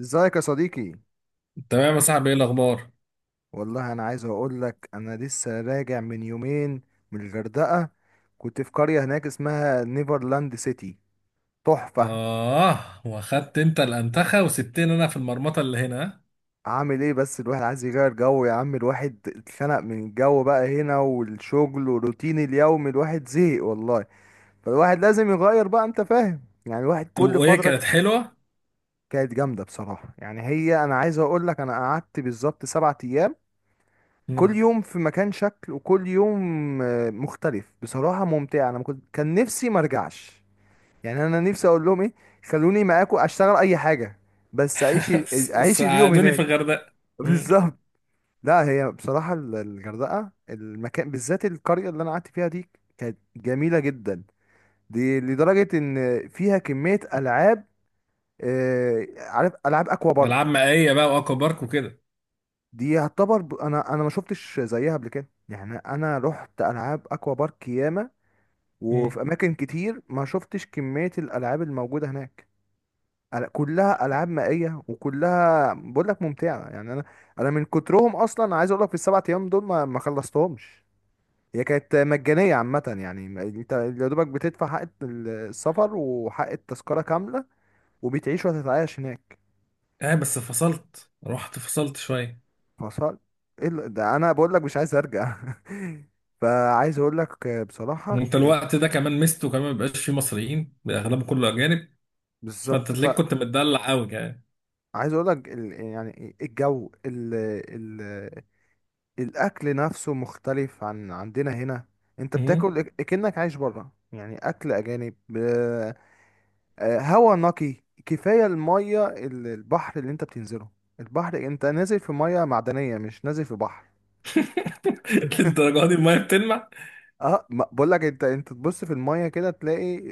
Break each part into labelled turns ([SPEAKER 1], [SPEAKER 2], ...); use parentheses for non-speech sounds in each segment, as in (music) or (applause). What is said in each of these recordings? [SPEAKER 1] ازيك يا صديقي؟
[SPEAKER 2] تمام يا صاحبي، ايه الاخبار؟
[SPEAKER 1] والله انا عايز اقول لك انا لسه راجع من يومين، من الغردقه. كنت في قريه هناك اسمها نيفرلاند سيتي، تحفه.
[SPEAKER 2] اه، واخدت انت الانتخه وسبتني انا في المرمطه اللي هنا، ها؟
[SPEAKER 1] عامل ايه، بس الواحد عايز يغير جو يا عم. الواحد اتخنق من الجو بقى هنا، والشغل والروتين اليومي، الواحد زهق والله. فالواحد لازم يغير بقى، انت فاهم، يعني الواحد
[SPEAKER 2] طب،
[SPEAKER 1] كل
[SPEAKER 2] وايه
[SPEAKER 1] فتره.
[SPEAKER 2] كانت حلوه؟
[SPEAKER 1] كانت جامده بصراحه. يعني هي، انا عايز اقول لك، انا قعدت بالظبط 7 ايام. كل
[SPEAKER 2] مم.
[SPEAKER 1] يوم في مكان شكل، وكل يوم مختلف، بصراحة ممتعة. انا ما كنت كان نفسي ما ارجعش. يعني انا نفسي اقول لهم ايه، خلوني معاكم اشتغل اي حاجة. بس
[SPEAKER 2] (laughs)
[SPEAKER 1] اعيش اليوم الحياة
[SPEAKER 2] ساعدوني
[SPEAKER 1] هناك. (laughs)
[SPEAKER 2] في
[SPEAKER 1] دول.
[SPEAKER 2] الغردقه. مم.
[SPEAKER 1] بالظبط. لا، هي بصراحة الغردقة، المكان بالذات القرية اللي انا قعدت فيها دي، كانت جميلة جدا. دي لدرجة ان فيها كمية العاب. عارف العاب اكوا
[SPEAKER 2] العاب
[SPEAKER 1] بارك؟
[SPEAKER 2] مائيه بقى، واكوا بارك وكده.
[SPEAKER 1] دي يعتبر، انا ما شفتش زيها قبل كده، يعني انا رحت العاب اكوا بارك ياما. وفي
[SPEAKER 2] مم.
[SPEAKER 1] اماكن كتير ما شفتش كمية الالعاب الموجودة هناك. كلها العاب مائية، وكلها بقول لك ممتعة، يعني انا. انا من كترهم اصلا، عايز اقول لك في السبع ايام دول ما خلصتهمش. هي كانت مجانية عامة، يعني انت يا دوبك بتدفع حق السفر وحق التذكرة كاملة، وبتعيش وتتعايش هناك.
[SPEAKER 2] اه بس فصلت، رحت فصلت شويه.
[SPEAKER 1] فصل. ايه ده، انا بقول لك مش عايز ارجع. (laughs) فعايز اقول لك بصراحة
[SPEAKER 2] وانت
[SPEAKER 1] كانت.
[SPEAKER 2] الوقت ده كمان مستو، كمان مبقاش فيه مصريين، اغلبه كله اجانب، فانت
[SPEAKER 1] بالظبط.
[SPEAKER 2] تلاقيك كنت متدلع قوي يعني.
[SPEAKER 1] عايز اقول لك يعني الجو ال... الاكل نفسه مختلف عن عندنا هنا. انت
[SPEAKER 2] مم.
[SPEAKER 1] بتاكل كأنك عايش بره، يعني اكل اجانب. هوا نقي. كفايه الميه، البحر اللي انت بتنزله. البحر انت نازل في ميه معدنيه، مش نازل في بحر.
[SPEAKER 2] (laughs) للدرجه دي الميه بتلمع؟
[SPEAKER 1] اه، بقول لك، انت تبص في الميه كده تلاقي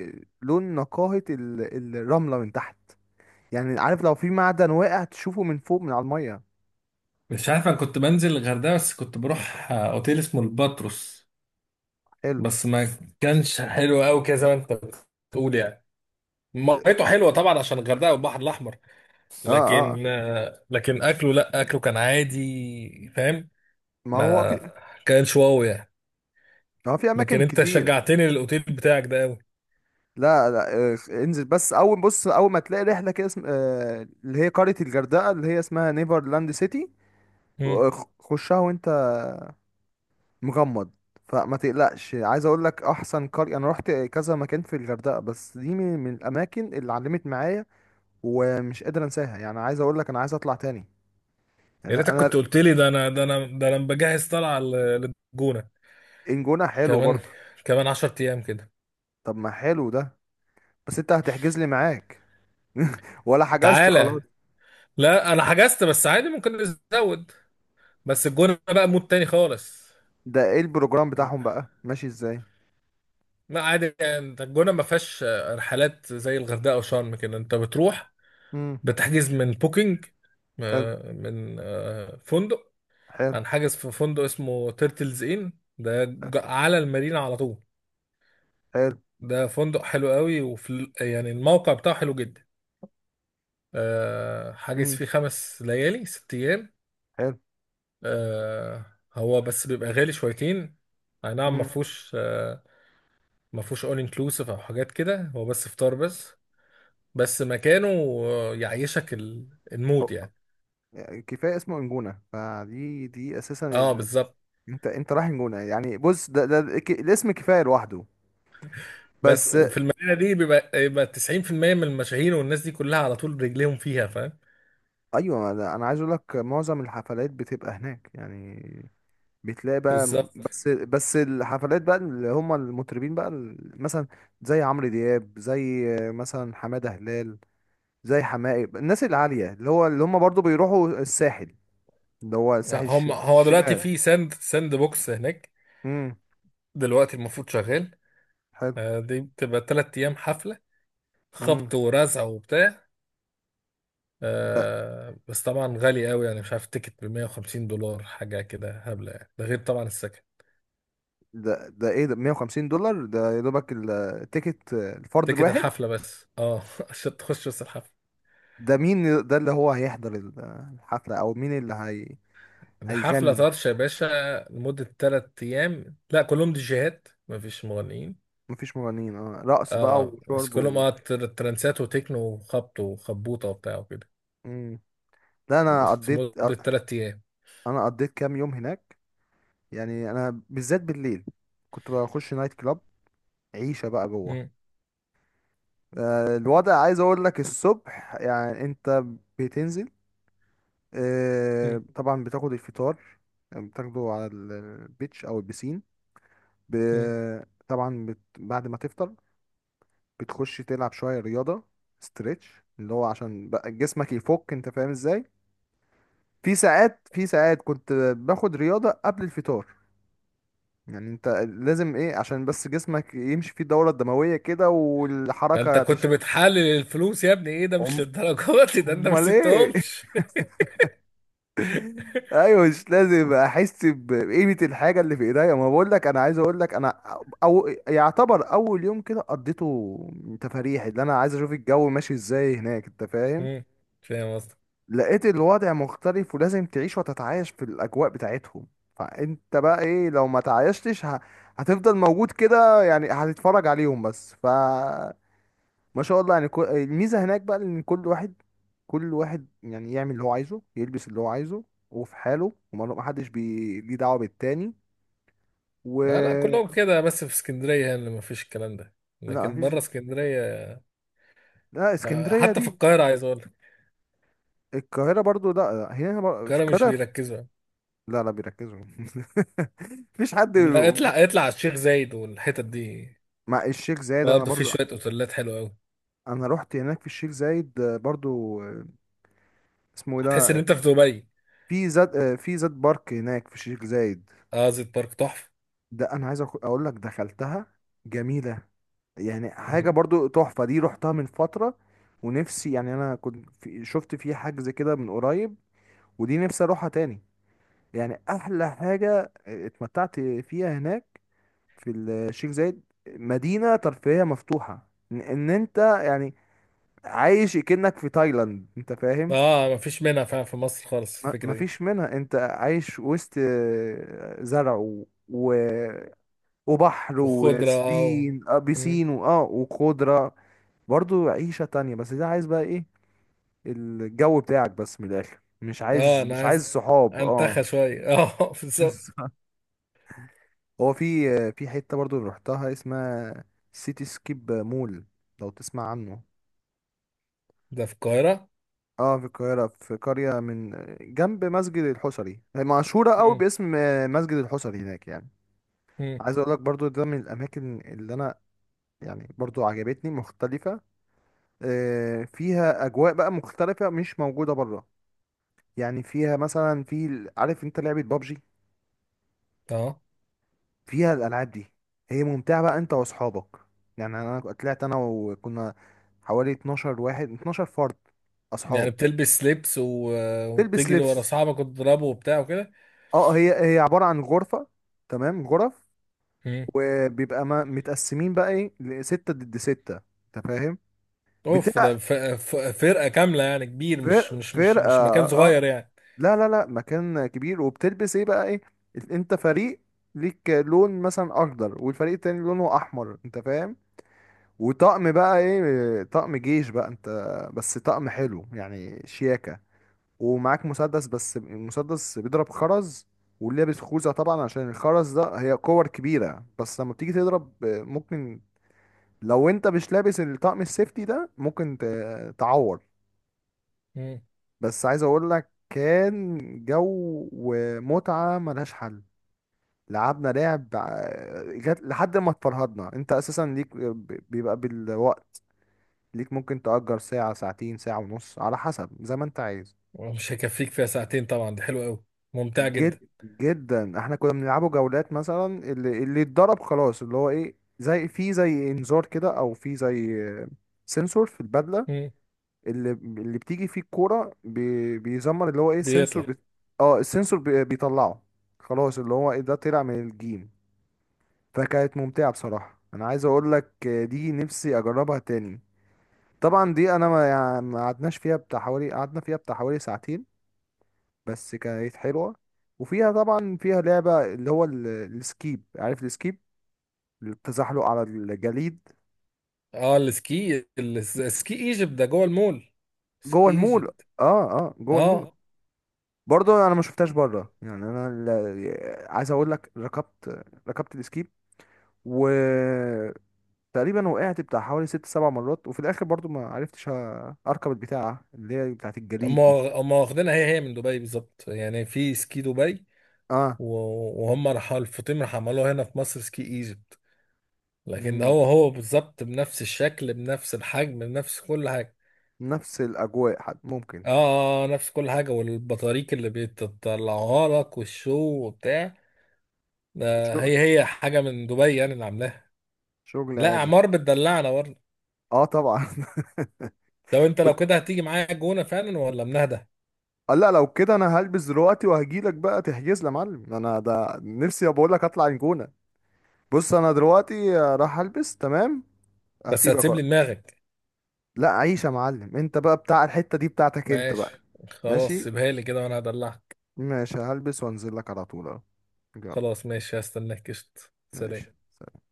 [SPEAKER 1] لون نقاهه الرمله من تحت. يعني عارف، لو في معدن واقع تشوفه من فوق، من على الميه.
[SPEAKER 2] مش عارف، انا كنت بنزل الغردقه بس كنت بروح اوتيل اسمه الباتروس.
[SPEAKER 1] حلو.
[SPEAKER 2] بس ما كانش حلو قوي كده زي ما انت بتقول يعني. ميته حلوه طبعا عشان الغردقه والبحر الاحمر.
[SPEAKER 1] اه. اه.
[SPEAKER 2] لكن اكله، لا اكله كان عادي، فاهم؟
[SPEAKER 1] ما هو
[SPEAKER 2] ما
[SPEAKER 1] في.
[SPEAKER 2] كانش واو يعني.
[SPEAKER 1] اه، في
[SPEAKER 2] لكن
[SPEAKER 1] اماكن
[SPEAKER 2] انت
[SPEAKER 1] كتير.
[SPEAKER 2] شجعتني للاوتيل بتاعك ده قوي.
[SPEAKER 1] لا، لا، انزل. بس اول، بص اول ما تلاقي رحله كده اسم... آه، اللي هي قريه الغردقه اللي هي اسمها نيفرلاند سيتي.
[SPEAKER 2] مم.
[SPEAKER 1] خشها وانت مغمض. فما تقلقش، عايز اقول لك احسن قريه. انا رحت كذا مكان في الغردقه، بس دي من الاماكن اللي علمت معايا، ومش قادر انساها. يعني عايز اقول لك انا عايز اطلع تاني.
[SPEAKER 2] يا
[SPEAKER 1] يعني
[SPEAKER 2] ريتك
[SPEAKER 1] انا.
[SPEAKER 2] كنت قلت لي، ده انا بجهز طلعه للجونه.
[SPEAKER 1] الجونه حلوه
[SPEAKER 2] كمان
[SPEAKER 1] برضه.
[SPEAKER 2] كمان 10 ايام كده.
[SPEAKER 1] طب، ما حلو ده. بس انت هتحجز لي معاك؟ (laughs) ولا حجزت خلاص؟
[SPEAKER 2] تعالى، لا انا حجزت بس عادي ممكن نزود. بس الجونه بقى مود تاني خالص.
[SPEAKER 1] ده ايه البروجرام بتاعهم بقى، ماشي ازاي؟
[SPEAKER 2] ما عادي يعني، انت الجونه ما فيهاش رحلات زي الغردقه وشرم كده. انت بتروح
[SPEAKER 1] مم.
[SPEAKER 2] بتحجز من بوكينج،
[SPEAKER 1] حلو.
[SPEAKER 2] من فندق.
[SPEAKER 1] حلو.
[SPEAKER 2] هنحجز في فندق اسمه تيرتلز ان. ده على المارينا على طول.
[SPEAKER 1] حلو.
[SPEAKER 2] ده فندق حلو قوي، وفي يعني الموقع بتاعه حلو جدا. حاجز
[SPEAKER 1] امم.
[SPEAKER 2] فيه 5 ليالي 6 ايام.
[SPEAKER 1] حلو.
[SPEAKER 2] آه، هو بس بيبقى غالي شويتين. اي نعم، ما
[SPEAKER 1] امم.
[SPEAKER 2] فيهوش آه، ما فيهوش اول انكلوسيف او حاجات كده، هو بس فطار بس. بس مكانه يعيشك المود
[SPEAKER 1] أو-
[SPEAKER 2] يعني.
[SPEAKER 1] يعني كفايه اسمه انجونه. فدي، دي اساسا
[SPEAKER 2] اه بالظبط.
[SPEAKER 1] انت رايح انجونه، يعني بص، ده الاسم كفايه لوحده.
[SPEAKER 2] بس
[SPEAKER 1] بس.
[SPEAKER 2] وفي المدينه دي يبقى 90% من المشاهير، والناس دي كلها على طول رجليهم فيها، فاهم؟
[SPEAKER 1] ايوه، ده انا عايز اقول لك معظم الحفلات بتبقى هناك يعني. بتلاقي بقى، م-
[SPEAKER 2] بالظبط.
[SPEAKER 1] بس بس الحفلات بقى اللي هم المطربين بقى مثلا زي عمرو دياب، زي مثلا حماده هلال، زي حماقي، الناس العاليه اللي هم برضو بيروحوا الساحل، اللي هو الساحل
[SPEAKER 2] هم هو دلوقتي
[SPEAKER 1] الشمال.
[SPEAKER 2] في ساند ساند بوكس هناك، دلوقتي المفروض شغال.
[SPEAKER 1] حلو.
[SPEAKER 2] دي بتبقى 3 ايام حفله،
[SPEAKER 1] امم.
[SPEAKER 2] خبط ورزع وبتاع.
[SPEAKER 1] ده
[SPEAKER 2] بس طبعا غالي قوي يعني، مش عارف تيكت ب $150 حاجه كده هبله يعني، ده غير طبعا السكن.
[SPEAKER 1] ده ايه ده؟ $150، ده يا دوبك التيكت الفرد
[SPEAKER 2] تيكت
[SPEAKER 1] الواحد.
[SPEAKER 2] الحفله بس، اه، (laughs) عشان تخش بس الحفله.
[SPEAKER 1] ده مين ده اللي هو هيحضر الحفلة، او مين اللي هي
[SPEAKER 2] ده حفلة
[SPEAKER 1] هيغني؟
[SPEAKER 2] طرش يا باشا، لمدة 3 أيام. لا كلهم ديجيهات، مفيش مغنيين.
[SPEAKER 1] مفيش مغنيين؟ اه، رقص بقى
[SPEAKER 2] اه بس
[SPEAKER 1] وشرب
[SPEAKER 2] كلهم،
[SPEAKER 1] و...
[SPEAKER 2] ترانسات وتكنو وخبط وخبوطة وبتاع وكده.
[SPEAKER 1] امم. لا، انا
[SPEAKER 2] بس
[SPEAKER 1] قضيت.
[SPEAKER 2] مدة 3 أيام.
[SPEAKER 1] انا قضيت كام يوم هناك. يعني انا بالذات بالليل كنت بخش نايت كلاب، عيشة بقى جوه.
[SPEAKER 2] مم،
[SPEAKER 1] الوضع، عايز اقول لك الصبح، يعني انت بتنزل.
[SPEAKER 2] مم،
[SPEAKER 1] طبعا بتاخد الفطار، يعني بتاخده على البيتش او البسين. ب...
[SPEAKER 2] مم.
[SPEAKER 1] طبعا بعد ما تفطر بتخش تلعب شويه رياضه، ستريتش، اللي هو عشان بقى جسمك يفك، انت فاهم ازاي. في ساعات، في ساعات كنت باخد رياضه قبل الفطار. يعني انت لازم ايه، عشان بس جسمك يمشي فيه الدوره الدمويه كده
[SPEAKER 2] ده أنت
[SPEAKER 1] والحركه
[SPEAKER 2] كنت
[SPEAKER 1] تشتغل.
[SPEAKER 2] بتحلل الفلوس يا ابني، إيه ده؟
[SPEAKER 1] (laughs)
[SPEAKER 2] مش
[SPEAKER 1] أم-
[SPEAKER 2] للدرجات دي، ده أنت ما
[SPEAKER 1] امال ايه؟
[SPEAKER 2] سبتهمش.
[SPEAKER 1] ايوه، مش لازم احس بقيمه الحاجه اللي في ايديا. ما بقول لك، انا عايز اقول لك انا او يعتبر اول يوم كده قضيته تفاريح، اللي انا عايز اشوف الجو ماشي ازاي هناك، انت
[SPEAKER 2] (laughs)
[SPEAKER 1] فاهم.
[SPEAKER 2] مم، فاهم قصدك.
[SPEAKER 1] لقيت الوضع مختلف، ولازم تعيش وتتعايش في الاجواء بتاعتهم. فانت بقى ايه، لو ما تعايشتش هتفضل موجود كده، يعني هتتفرج عليهم بس، ف... ما شاء الله. يعني الميزة هناك بقى ان كل واحد، كل واحد يعني يعمل اللي هو عايزه، يلبس اللي هو عايزه، وفي حاله، وما ما حدش ليه دعوة بالتاني.
[SPEAKER 2] آه لا، كلهم
[SPEAKER 1] و...
[SPEAKER 2] كده، بس في اسكندرية هنا اللي مفيش الكلام ده.
[SPEAKER 1] لا،
[SPEAKER 2] لكن
[SPEAKER 1] مفيش.
[SPEAKER 2] بره اسكندرية،
[SPEAKER 1] لا، اسكندرية
[SPEAKER 2] حتى في
[SPEAKER 1] دي،
[SPEAKER 2] القاهرة عايز أقول لك،
[SPEAKER 1] القاهرة برضو، لا، لا، هنا في
[SPEAKER 2] القاهرة مش
[SPEAKER 1] القاهرة
[SPEAKER 2] بيركزوا.
[SPEAKER 1] لا، لا، بيركزوا. (laughs) مفيش حد.
[SPEAKER 2] لا، اطلع على الشيخ زايد والحتت دي.
[SPEAKER 1] مع الشيخ زايد انا
[SPEAKER 2] برضه في
[SPEAKER 1] برضو.
[SPEAKER 2] شويه اوتيلات حلوه قوي.
[SPEAKER 1] انا رحت هناك في الشيخ زايد برضو. اسمه ايه
[SPEAKER 2] هتحس ان
[SPEAKER 1] ده؟
[SPEAKER 2] انت في دبي.
[SPEAKER 1] في زاد بارك هناك في الشيخ زايد.
[SPEAKER 2] اه زيت بارك تحفه.
[SPEAKER 1] ده انا عايز اقول لك دخلتها، جميلة. يعني حاجة
[SPEAKER 2] مم.
[SPEAKER 1] برضو تحفة، دي رحتها من فترة. ونفسي، يعني انا كنت في شفت فيه حجز كده من قريب، ودي نفسي اروحها تاني. يعني احلى حاجة اتمتعت فيها هناك في الشيخ زايد، مدينة ترفيهية مفتوحة، إن انت يعني عايش كأنك في تايلاند، انت فاهم.
[SPEAKER 2] اه مفيش منها فعلا في مصر خالص الفكره دي.
[SPEAKER 1] مفيش منها. انت عايش وسط زرع وبحر
[SPEAKER 2] وخضره
[SPEAKER 1] وسبين آه،
[SPEAKER 2] مم.
[SPEAKER 1] بيسين وخضرة. برضو عيشة تانية، بس ده عايز بقى ايه، الجو بتاعك بس من الاخر، مش
[SPEAKER 2] اه
[SPEAKER 1] عايز
[SPEAKER 2] انا
[SPEAKER 1] مش عايز
[SPEAKER 2] عايز
[SPEAKER 1] بالظبط صحاب. اه.
[SPEAKER 2] انتخى شويه (laughs) بالظبط.
[SPEAKER 1] بالظبط. هو في، في حته برضو رحتها اسمها سيتي سكيب مول، لو تسمع عنه.
[SPEAKER 2] ده في القاهره؟
[SPEAKER 1] اه، في القاهره، في قريه من جنب مسجد الحصري. هي مشهوره قوي
[SPEAKER 2] مم.
[SPEAKER 1] باسم مسجد الحصري هناك يعني.
[SPEAKER 2] مم.
[SPEAKER 1] عايز اقول لك برضو، ده من الاماكن اللي انا يعني برضو عجبتني، مختلفه. فيها اجواء بقى مختلفه، مش موجوده بره. يعني فيها مثلا، في، عارف انت لعبه بابجي؟
[SPEAKER 2] اه
[SPEAKER 1] فيها الالعاب دي. هي ممتعه بقى انت واصحابك. يعني انا طلعت انا وكنا حوالي 12 واحد، 12 فرد،
[SPEAKER 2] يعني
[SPEAKER 1] اصحاب.
[SPEAKER 2] بتلبس لبس،
[SPEAKER 1] تلبس
[SPEAKER 2] وتجري ورا
[SPEAKER 1] لبس.
[SPEAKER 2] صاحبك وتضربه وبتاع وكده.
[SPEAKER 1] اه، هي عباره عن غرفه، تمام، غرف.
[SPEAKER 2] مم.
[SPEAKER 1] وبيبقى ما متقسمين بقى ايه، لستة ضد ستة انت فاهم.
[SPEAKER 2] اوف،
[SPEAKER 1] بتبقى
[SPEAKER 2] فرقه كامله يعني، كبير، مش مش مش
[SPEAKER 1] فرقه
[SPEAKER 2] مش
[SPEAKER 1] اه.
[SPEAKER 2] مكان صغير يعني.
[SPEAKER 1] لا، لا، لا، مكان كبير. وبتلبس ايه بقى ايه، انت فريق، ليك لون مثلا اخضر، والفريق التاني لونه احمر، انت فاهم. وطقم بقى ايه، طقم جيش بقى انت، بس طقم حلو يعني، شياكة. ومعاك مسدس، بس المسدس بيضرب خرز. ولابس خوذة طبعا، عشان الخرز ده هي كور كبيرة، بس لما بتيجي تضرب ممكن، لو انت مش لابس الطقم السيفتي ده، ممكن تعور. بس عايز اقول لك، كان جو ومتعة ملهاش حل. لعبنا لعب جت لحد ما اتفرهدنا. انت اساسا ليك، بيبقى بالوقت، ليك ممكن تأجر ساعة، ساعتين، ساعة ونص، على حسب زي ما انت عايز.
[SPEAKER 2] مش هيكفيك فيها ساعتين طبعا، دي حلوة قوي، ممتعة
[SPEAKER 1] جد
[SPEAKER 2] جدا.
[SPEAKER 1] جدا، احنا كنا بنلعبه جولات مثلا. اللي اتضرب خلاص، اللي هو ايه، زي في، زي انذار كده، او في زي سنسور في البدلة.
[SPEAKER 2] مم.
[SPEAKER 1] اللي بتيجي فيه الكورة بيزمر، اللي هو ايه السنسور
[SPEAKER 2] بيطلع.
[SPEAKER 1] اه، السنسور بيطلعه. خلاص، اللي هو ايه، ده طلع من الجيم. فكانت ممتعة بصراحة. انا عايز اقول لك، دي نفسي اجربها تاني. طبعا دي انا ما يعني ما قعدناش فيها بتاع حوالي، قعدنا فيها بتاع حوالي ساعتين. بس كانت حلوة. وفيها طبعا فيها لعبة، اللي هو السكيب، عارف السكيب؟ التزحلق على الجليد.
[SPEAKER 2] اه، السكي السكي ايجيبت ده جوه المول. سكي
[SPEAKER 1] جوه المول.
[SPEAKER 2] ايجيبت.
[SPEAKER 1] اه، اه، جوه المول.
[SPEAKER 2] اه.
[SPEAKER 1] برضه انا ما شفتهاش بره، يعني انا عايز اقول لك ركبت السكيب. وتقريبا وقعت بتاع حوالي ست سبع مرات، وفي الاخر برضه ما عرفتش اركب البتاعة اللي هي بتاعت
[SPEAKER 2] هم
[SPEAKER 1] الجليد دي.
[SPEAKER 2] هم واخدينها، هي هي من دبي بالظبط، يعني في سكي دبي.
[SPEAKER 1] اه.
[SPEAKER 2] وهم راحوا الفطيم، راح عملوها هنا في مصر سكي ايجيبت. لكن ده
[SPEAKER 1] مم.
[SPEAKER 2] هو هو بالظبط بنفس الشكل بنفس الحجم بنفس كل حاجة.
[SPEAKER 1] نفس الاجواء. حد ممكن.
[SPEAKER 2] اه، نفس كل حاجة، والبطاريق اللي بيطلعوها لك والشو وبتاع. ده
[SPEAKER 1] شغل.
[SPEAKER 2] هي هي حاجة من دبي يعني اللي عاملاها.
[SPEAKER 1] شغل
[SPEAKER 2] لا
[SPEAKER 1] عالي.
[SPEAKER 2] اعمار بتدلعنا برضه.
[SPEAKER 1] اه، طبعا. (laughs)
[SPEAKER 2] لو انت، لو كده هتيجي معايا الجونه فعلا ولا منهدة؟
[SPEAKER 1] قال لا، لو كده انا هلبس دلوقتي وهجيلك بقى تحجز لي يا معلم. انا ده نفسي بقول لك اطلع الجونه. بص، انا دلوقتي راح البس تمام.
[SPEAKER 2] بس
[SPEAKER 1] هسيبك
[SPEAKER 2] هتسيب لي
[SPEAKER 1] وقت.
[SPEAKER 2] دماغك؟
[SPEAKER 1] لا، عيش يا معلم، انت بقى بتاع الحته دي، بتاعتك انت بقى.
[SPEAKER 2] ماشي، خلاص
[SPEAKER 1] ماشي.
[SPEAKER 2] سيبها لي كده وانا هدلعك.
[SPEAKER 1] ماشي، هلبس وانزل لك على طول اهو. يلا.
[SPEAKER 2] خلاص ماشي، هستناك، قشط، سلام.
[SPEAKER 1] ماشي.